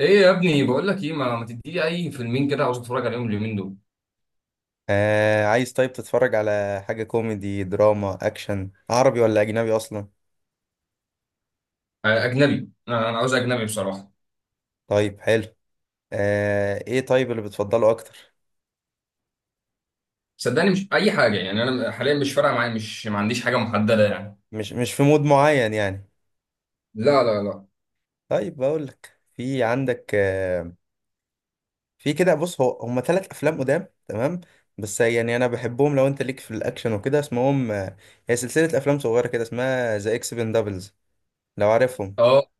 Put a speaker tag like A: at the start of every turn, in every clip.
A: ايه يا ابني، بقول لك ايه، ما تديلي اي فيلمين كده، عاوز اتفرج عليهم اليومين دول.
B: آه، عايز؟ طيب، تتفرج على حاجة كوميدي، دراما، أكشن، عربي ولا أجنبي أصلا؟
A: اجنبي، أنا عاوز اجنبي بصراحه.
B: طيب، حلو. آه، إيه طيب اللي بتفضله أكتر؟
A: صدقني مش اي حاجه يعني، انا حاليا مش فارقه معايا، مش ما عنديش حاجه محدده يعني.
B: مش في مود معين يعني؟
A: لا، لا، لا.
B: طيب، بقولك في عندك، في كده، بص، هو هما تلات أفلام قدام، تمام؟ بس يعني أنا بحبهم، لو أنت ليك في الأكشن وكده، اسمهم هي سلسلة أفلام صغيرة كده، اسمها ذا إكس بندبلز، لو عارفهم.
A: اه،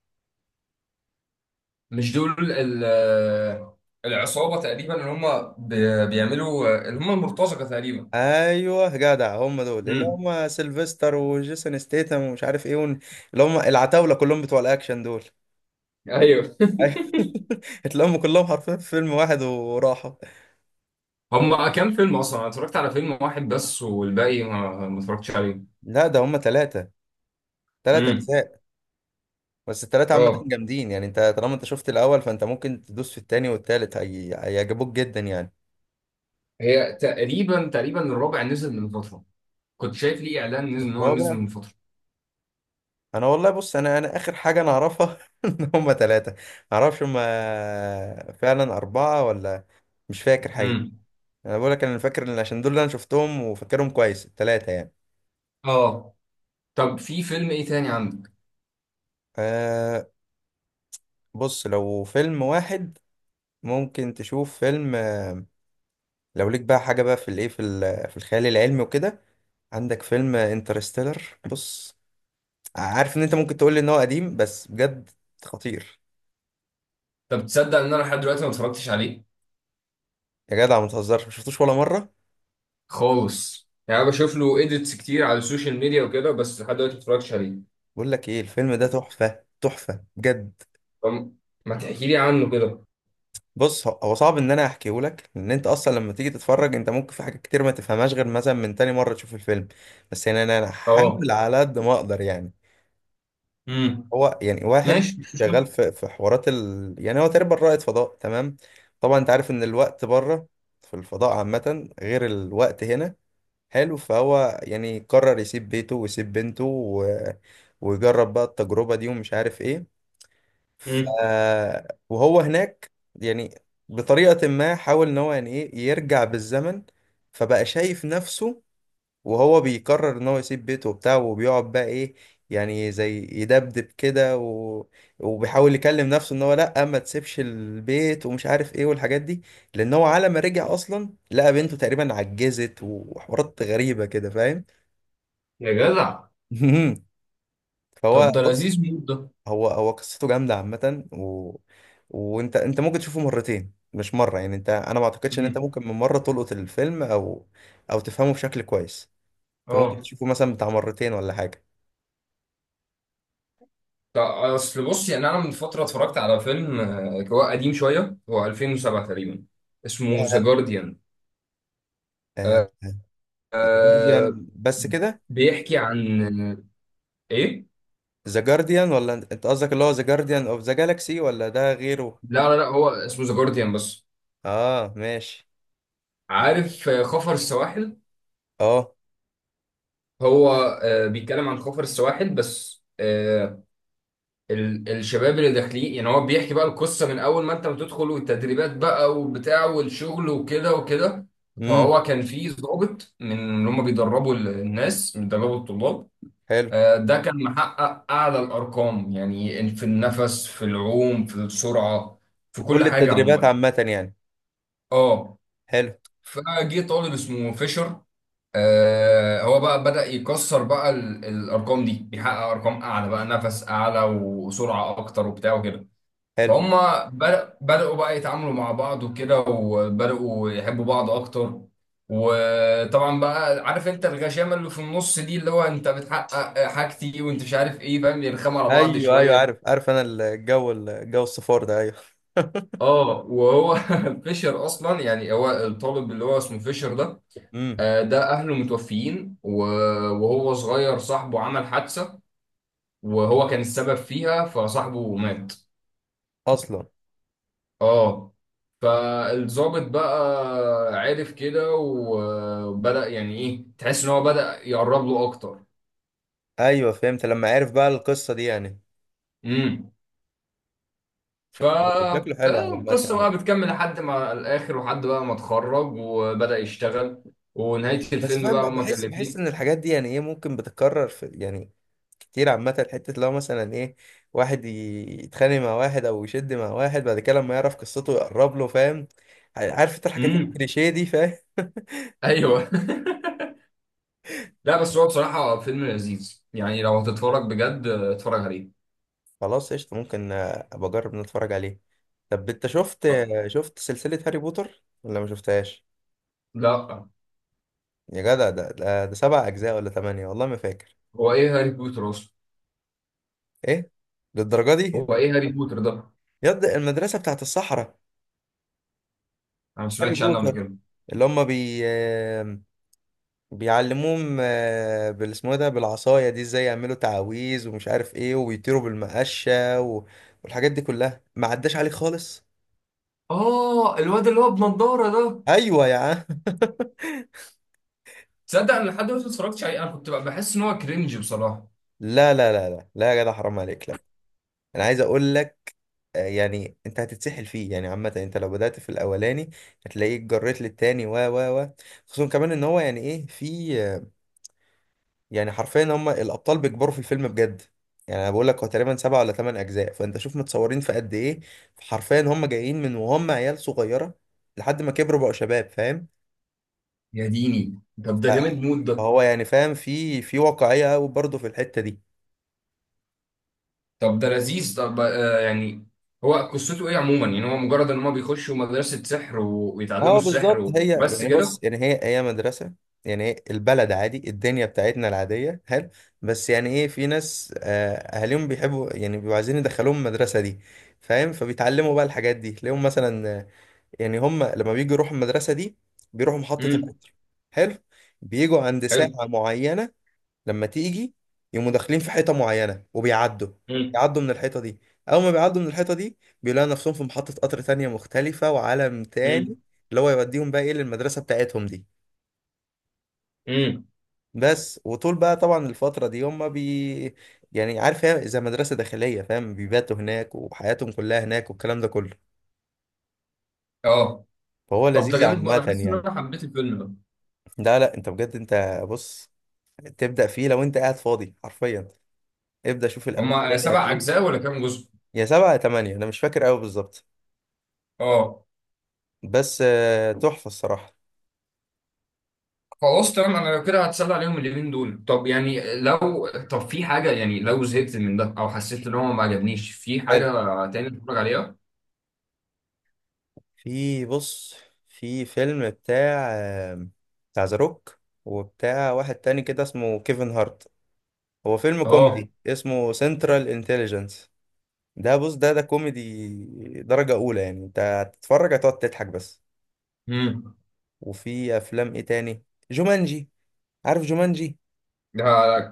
A: مش دول العصابه تقريبا، اللي هم بيعملوا، اللي هم المرتزقه تقريبا.
B: ايوه جدع، هم دول، اللي
A: امم.
B: هم سيلفستر وجيسون ستيتم ومش عارف ايه اللي هم العتاوله كلهم بتوع الاكشن دول.
A: ايولا.
B: أيوة. اتلموا كلهم حرفيا في فيلم واحد وراحوا.
A: هم كام فيلم اصلا؟ انا اتفرجت على فيلم واحد بس، والباقي ما اتفرجتش عليه.
B: لا، ده هم ثلاثه، ثلاث
A: امم.
B: اجزاء. بس الثلاثه عامه
A: اه.
B: جامدين يعني، انت طالما انت شفت الاول فانت ممكن تدوس في الثاني والثالث، هيعجبوك جدا يعني.
A: هي تقريبا الرابع نزل من فتره، كنت شايف ليه اعلان نزل ان هو نزل
B: الرابع؟
A: من فتره.
B: انا والله، بص، انا اخر حاجه انا اعرفها ان هم ثلاثه. ما اعرفش هم فعلا اربعه ولا، مش فاكر حقيقي.
A: امم.
B: انا بقول لك، انا فاكر عشان دول اللي انا شفتهم وفاكرهم كويس التلاتة يعني.
A: اه. طب في فيلم ايه تاني عندك؟
B: أه، بص، لو فيلم واحد، ممكن تشوف فيلم لو ليك بقى حاجة بقى في الايه في ال- في الخيال العلمي وكده، عندك فيلم انترستيلر. بص، عارف ان انت ممكن تقول لي ان هو قديم، بس بجد خطير.
A: طب تصدق ان انا لحد دلوقتي ما اتفرجتش عليه؟
B: يا جدع، ما تهزرش، ما شفتوش ولا مرة؟
A: خالص يعني، انا بشوف له ايديتس كتير على السوشيال ميديا وكده، بس لحد دلوقتي ما اتفرجتش عليه.
B: بقول لك ايه، الفيلم ده تحفة، تحفة بجد.
A: طب ما تحكي لي عنه كده.
B: بص، هو صعب ان انا احكيه لك، لان انت اصلا لما تيجي تتفرج انت ممكن في حاجات كتير ما تفهمهاش، غير مثلا من تاني مره تشوف الفيلم. بس يعني انا هحاول
A: اه.
B: على قد ما اقدر يعني.
A: امم.
B: هو يعني واحد
A: ماشي، مش
B: شغال
A: مشكله.
B: في حوارات يعني هو تقريبا رائد فضاء، تمام. طبعا انت عارف ان الوقت بره، في الفضاء عامه غير الوقت هنا، حلو. فهو يعني قرر يسيب بيته ويسيب بنته ويجرب بقى التجربه دي ومش عارف ايه. ف...
A: امم.
B: وهو هناك يعني بطريقة ما حاول ان هو يعني ايه يرجع بالزمن، فبقى شايف نفسه وهو بيقرر ان هو يسيب بيته وبتاعه وبيقعد بقى ايه، يعني زي يدبدب كده وبيحاول يكلم نفسه ان هو لا ما تسيبش البيت ومش عارف ايه والحاجات دي، لان هو على ما رجع اصلا لقى بنته تقريبا عجزت، وحوارات غريبة كده، فاهم.
A: يا جدع.
B: فهو
A: طب ده
B: بص،
A: لذيذ موت ده.
B: هو قصته جامده عامه وانت انت ممكن تشوفه مرتين مش مره يعني، انت انا ما اعتقدش ان انت
A: امم.
B: ممكن من مره تلقط الفيلم او تفهمه بشكل كويس. انت ممكن
A: اه.
B: تشوفه مثلا بتاع مرتين ولا حاجه.
A: طب اصل بص يعني، انا من فتره اتفرجت على فيلم، هو قديم شويه، هو 2007 تقريبا، اسمه ذا
B: ياه،
A: جارديان.
B: ذا
A: آه،
B: جارديان بس كده؟
A: بيحكي عن ايه.
B: ذا جارديان ولا انت قصدك اللي هو ذا جارديان اوف ذا جالاكسي ولا ده غيره؟
A: لا، لا، لا، هو اسمه ذا جارديان بس.
B: اه، ماشي.
A: عارف، خفر السواحل.
B: اه.
A: هو بيتكلم عن خفر السواحل بس. الشباب اللي داخلين يعني، هو بيحكي بقى القصة من اول ما انت بتدخل، والتدريبات بقى وبتاع، والشغل وكده وكده.
B: امم.
A: فهو كان في ضابط من اللي هم بيدربوا الناس، بيدربوا الطلاب.
B: حلو.
A: ده كان محقق أعلى الأرقام، يعني في النفس، في العوم، في السرعة، في كل
B: كل
A: حاجة
B: التدريبات
A: عموما.
B: عامه يعني.
A: اه.
B: حلو.
A: فجه طالب اسمه فيشر. هو بقى بدأ يكسر بقى الارقام دي، بيحقق ارقام اعلى بقى، نفس اعلى وسرعه اكتر وبتاع وكده.
B: حلو.
A: فهم بدأوا بقى يتعاملوا مع بعض وكده، وبدأوا يحبوا بعض اكتر. وطبعا بقى، عارف انت الغشامه اللي في النص دي، اللي هو انت بتحقق حاجتي وانت مش عارف ايه، فاهم، يرخموا على بعض
B: ايوه، ايوه،
A: شويه.
B: عارف، عارف، انا الجو الصفار ده، ايوه.
A: اه، وهو فيشر اصلا يعني، هو الطالب اللي هو اسمه فيشر ده.
B: امم.
A: ده اهله متوفيين وهو صغير صاحبه عمل حادثة، وهو كان السبب فيها، فصاحبه مات.
B: اصلا؟
A: اه. فالضابط بقى عرف كده، وبدأ يعني ايه، تحس ان هو بدأ يقرب له اكتر.
B: ايوه، فهمت لما عرف بقى القصه دي يعني.
A: امم.
B: شكله. شكله حلو على عامه
A: فالقصة
B: يعني.
A: بقى بتكمل لحد ما الاخر، وحد بقى ما اتخرج وبدأ يشتغل، ونهاية
B: بس
A: الفيلم
B: فاهم
A: بقى
B: بقى،
A: هما كان
B: بحس
A: الاتنين.
B: ان الحاجات دي يعني ايه ممكن بتتكرر في يعني كتير عامه، حته لو مثلا ايه واحد يتخانق مع واحد او يشد مع واحد، بعد كده لما يعرف قصته يقرب له، فاهم. عارف انت الحاجات
A: امم.
B: الكليشيه دي، فاهم.
A: ايوه. لا، بس هو بصراحة فيلم لذيذ يعني، لو هتتفرج بجد اتفرج عليه.
B: خلاص قشطه، ممكن ابقى اجرب نتفرج عليه. طب انت شفت شفت سلسله هاري بوتر ولا ما شفتهاش؟
A: لا،
B: يا جدع، ده سبع اجزاء ولا ثمانيه، والله ما فاكر.
A: هو ايه هاري بوتر اصلا؟
B: ايه، للدرجه دي؟
A: هو ايه هاري بوتر ده؟
B: يد المدرسة بتاعت الصحراء.
A: انا ما
B: هاري
A: سمعتش عنه قبل
B: بوتر،
A: كده.
B: اللي هم بيعلموهم بال اسمه إيه ده بالعصاية دي ازاي يعملوا تعاويذ ومش عارف ايه، وبيطيروا بالمقشة والحاجات دي كلها، ما عداش عليك خالص.
A: اه، الواد اللي هو بنضارة ده.
B: ايوه يا عم.
A: تصدق انا لحد دلوقتي ما اتفرجتش عليه، انا كنت بقى بحس ان هو كرنج بصراحة.
B: لا لا لا لا لا، يا جدع، حرام عليك، لا. انا عايز اقول لك يعني انت هتتسحل فيه يعني، عامة انت لو بدأت في الاولاني هتلاقيك جريت للتاني و خصوصا كمان ان هو يعني ايه في، يعني حرفيا هم الابطال بيكبروا في الفيلم بجد. يعني انا بقول لك، هو تقريبا سبعة ولا ثمان اجزاء، فانت شوف متصورين في قد ايه. حرفيا هم جايين من وهم عيال صغيره لحد ما كبروا بقوا شباب، فاهم.
A: يا ديني. طب
B: ف-
A: ده جامد موت ده.
B: فهو يعني فاهم، في واقعيه قوي برضه في الحته دي.
A: طب ده لذيذ، طب يعني، هو قصته ايه عموما يعني، هو مجرد ان هم بيخشوا مدرسة سحر ويتعلموا
B: اه،
A: السحر
B: بالظبط، هي
A: وبس
B: يعني
A: كده؟
B: بص يعني هي مدرسه. يعني هي البلد عادي، الدنيا بتاعتنا العاديه، حلو. بس يعني ايه، في ناس اهاليهم بيحبوا، يعني بيبقوا عايزين يدخلوهم المدرسه دي، فاهم. فبيتعلموا بقى الحاجات دي، تلاقيهم مثلا يعني، هم لما بيجوا يروحوا المدرسة دي بيروحوا محطة
A: امم.
B: القطر. حلو. بيجوا عند ساعة
A: حلو.
B: معينة، لما تيجي يقوموا داخلين في حيطة معينة وبيعدوا،
A: امم.
B: بيعدوا من الحيطة دي. أول ما بيعدوا من الحيطة دي بيلاقوا نفسهم في محطة قطر تانية مختلفة، وعالم تاني،
A: امم.
B: اللي هو يوديهم بقى إيه للمدرسة بتاعتهم دي.
A: امم.
B: بس، وطول بقى طبعا الفترة دي هم، يعني عارف، هي زي مدرسة داخلية فاهم، بيباتوا هناك وحياتهم كلها هناك والكلام ده كله،
A: اه.
B: فهو
A: طب ده
B: لذيذ
A: جامد،
B: عامة
A: انا حاسس ان
B: يعني.
A: انا حبيت الفيلم ده.
B: لا لا، انت بجد، انت بص، تبدأ فيه لو انت قاعد فاضي حرفيا، ابدأ شوف
A: هما
B: الاولاني.
A: سبع
B: هتيجي.
A: اجزاء ولا كام جزء؟
B: يا سبعة يا تمانية، انا مش فاكر قوي بالظبط،
A: اه.
B: بس تحفة الصراحة.
A: خلاص تمام، انا لو كده هتسلى عليهم اليومين دول. طب يعني لو، طب في حاجه يعني، لو زهقت من ده او حسيت ان هو ما عجبنيش، في
B: حلو،
A: حاجه تاني اتفرج عليها؟
B: في بص، في فيلم بتاع بتاع ذا روك وبتاع واحد تاني كده اسمه كيفن هارت، هو فيلم
A: اه.
B: كوميدي اسمه سنترال انتليجنس. ده بص، ده كوميدي درجة أولى يعني، انت هتتفرج هتقعد تضحك بس.
A: امم.
B: وفي أفلام ايه تاني، جومانجي، عارف جومانجي؟
A: ده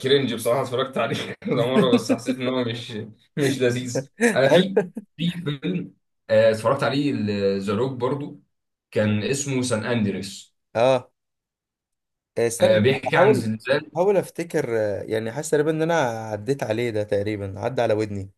A: كرنج بصراحه، اتفرجت عليه كذا مره، بس حسيت ان هو مش لذيذ. انا
B: أيوة.
A: في فيلم، اتفرجت عليه، ذا روك برضو، كان اسمه سان اندريس.
B: اه، استنى، أنا
A: بيحكي عن
B: بحاول،
A: زلزال.
B: افتكر يعني حاسس تقريبا ان انا عديت عليه ده، تقريبا عدى على ودني.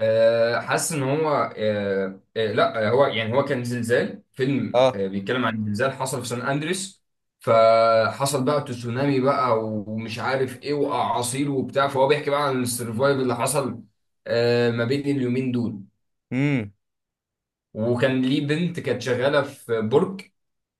A: حاسس ان هو، لا، هو يعني، هو كان زلزال، فيلم
B: اه.
A: بيتكلم عن زلزال حصل في سان اندريس. فحصل بقى تسونامي بقى، ومش عارف ايه، واعاصير وبتاع، فهو بيحكي بقى عن السرفايف اللي حصل ما بين اليومين دول.
B: امم.
A: وكان ليه بنت كانت شغاله في برج،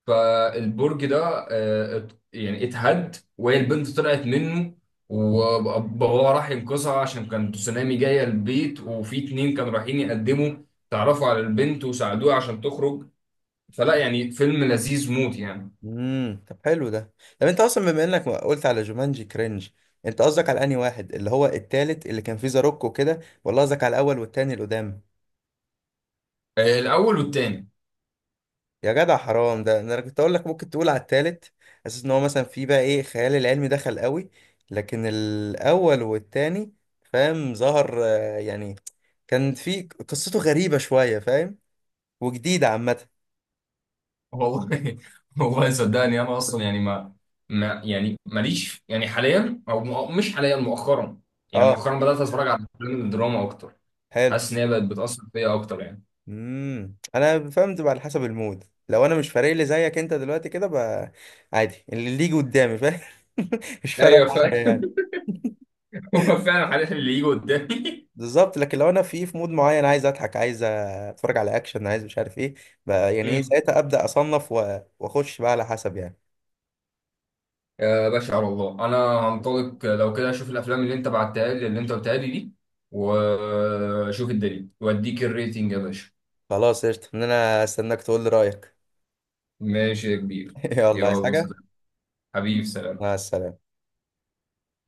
A: فالبرج ده يعني اتهد، وهي البنت طلعت منه، وباباها راح ينقذها عشان كان تسونامي جاية البيت، وفي اتنين كانوا رايحين يقدموا، تعرفوا على البنت وساعدوها عشان تخرج. فلا يعني، فيلم لذيذ موت يعني.
B: امم. طب حلو ده. طب انت اصلا بما انك قلت على جومانجي كرنج، انت قصدك على انهي واحد؟ اللي هو التالت اللي كان فيه زاروك وكده ولا قصدك على الاول والتاني اللي قدام؟
A: الأول والتاني.
B: يا جدع حرام، ده انا كنت اقول لك ممكن تقول على التالت، اساس ان هو مثلا فيه بقى ايه خيال العلمي دخل قوي، لكن الاول والتاني، فاهم ظهر يعني، كان في قصته غريبة شوية فاهم، وجديدة عامة.
A: والله، والله صدقني، أنا أصلا يعني ما يعني، ماليش يعني حاليا، أو مش حاليا، مؤخرا، يعني
B: اه،
A: مؤخرا بدأت أتفرج على الأفلام الدراما أكتر.
B: حلو،
A: حاسس إن هي بقت بتأثر فيا أكتر يعني.
B: امم، انا فهمت، بقى على حسب المود لو انا مش فارق لي زيك انت دلوقتي كده بقى، عادي اللي يجي قدامي فاهم. مش فارقة
A: ايوه.
B: معايا يعني.
A: هو فعلا هنحل اللي يجي قدامي.
B: بالظبط، لكن لو انا في مود معين عايز اضحك، عايز اتفرج على اكشن، عايز مش عارف ايه، بقى يعني ايه
A: امم.
B: ساعتها ابدا اصنف واخش بقى على حسب يعني.
A: يا باشا، على الله انا هنطلق لو كده، اشوف الافلام اللي انت بعتها لي، اللي انت قلتها لي دي، واشوف الدليل واديك الريتنج يا باشا.
B: خلاص قشطة، ان انا استناك تقول لي رايك.
A: ماشي يا كبير.
B: يلا، عايز
A: يلا،
B: حاجة؟
A: سلام. حبيبي، سلام.
B: مع السلامة.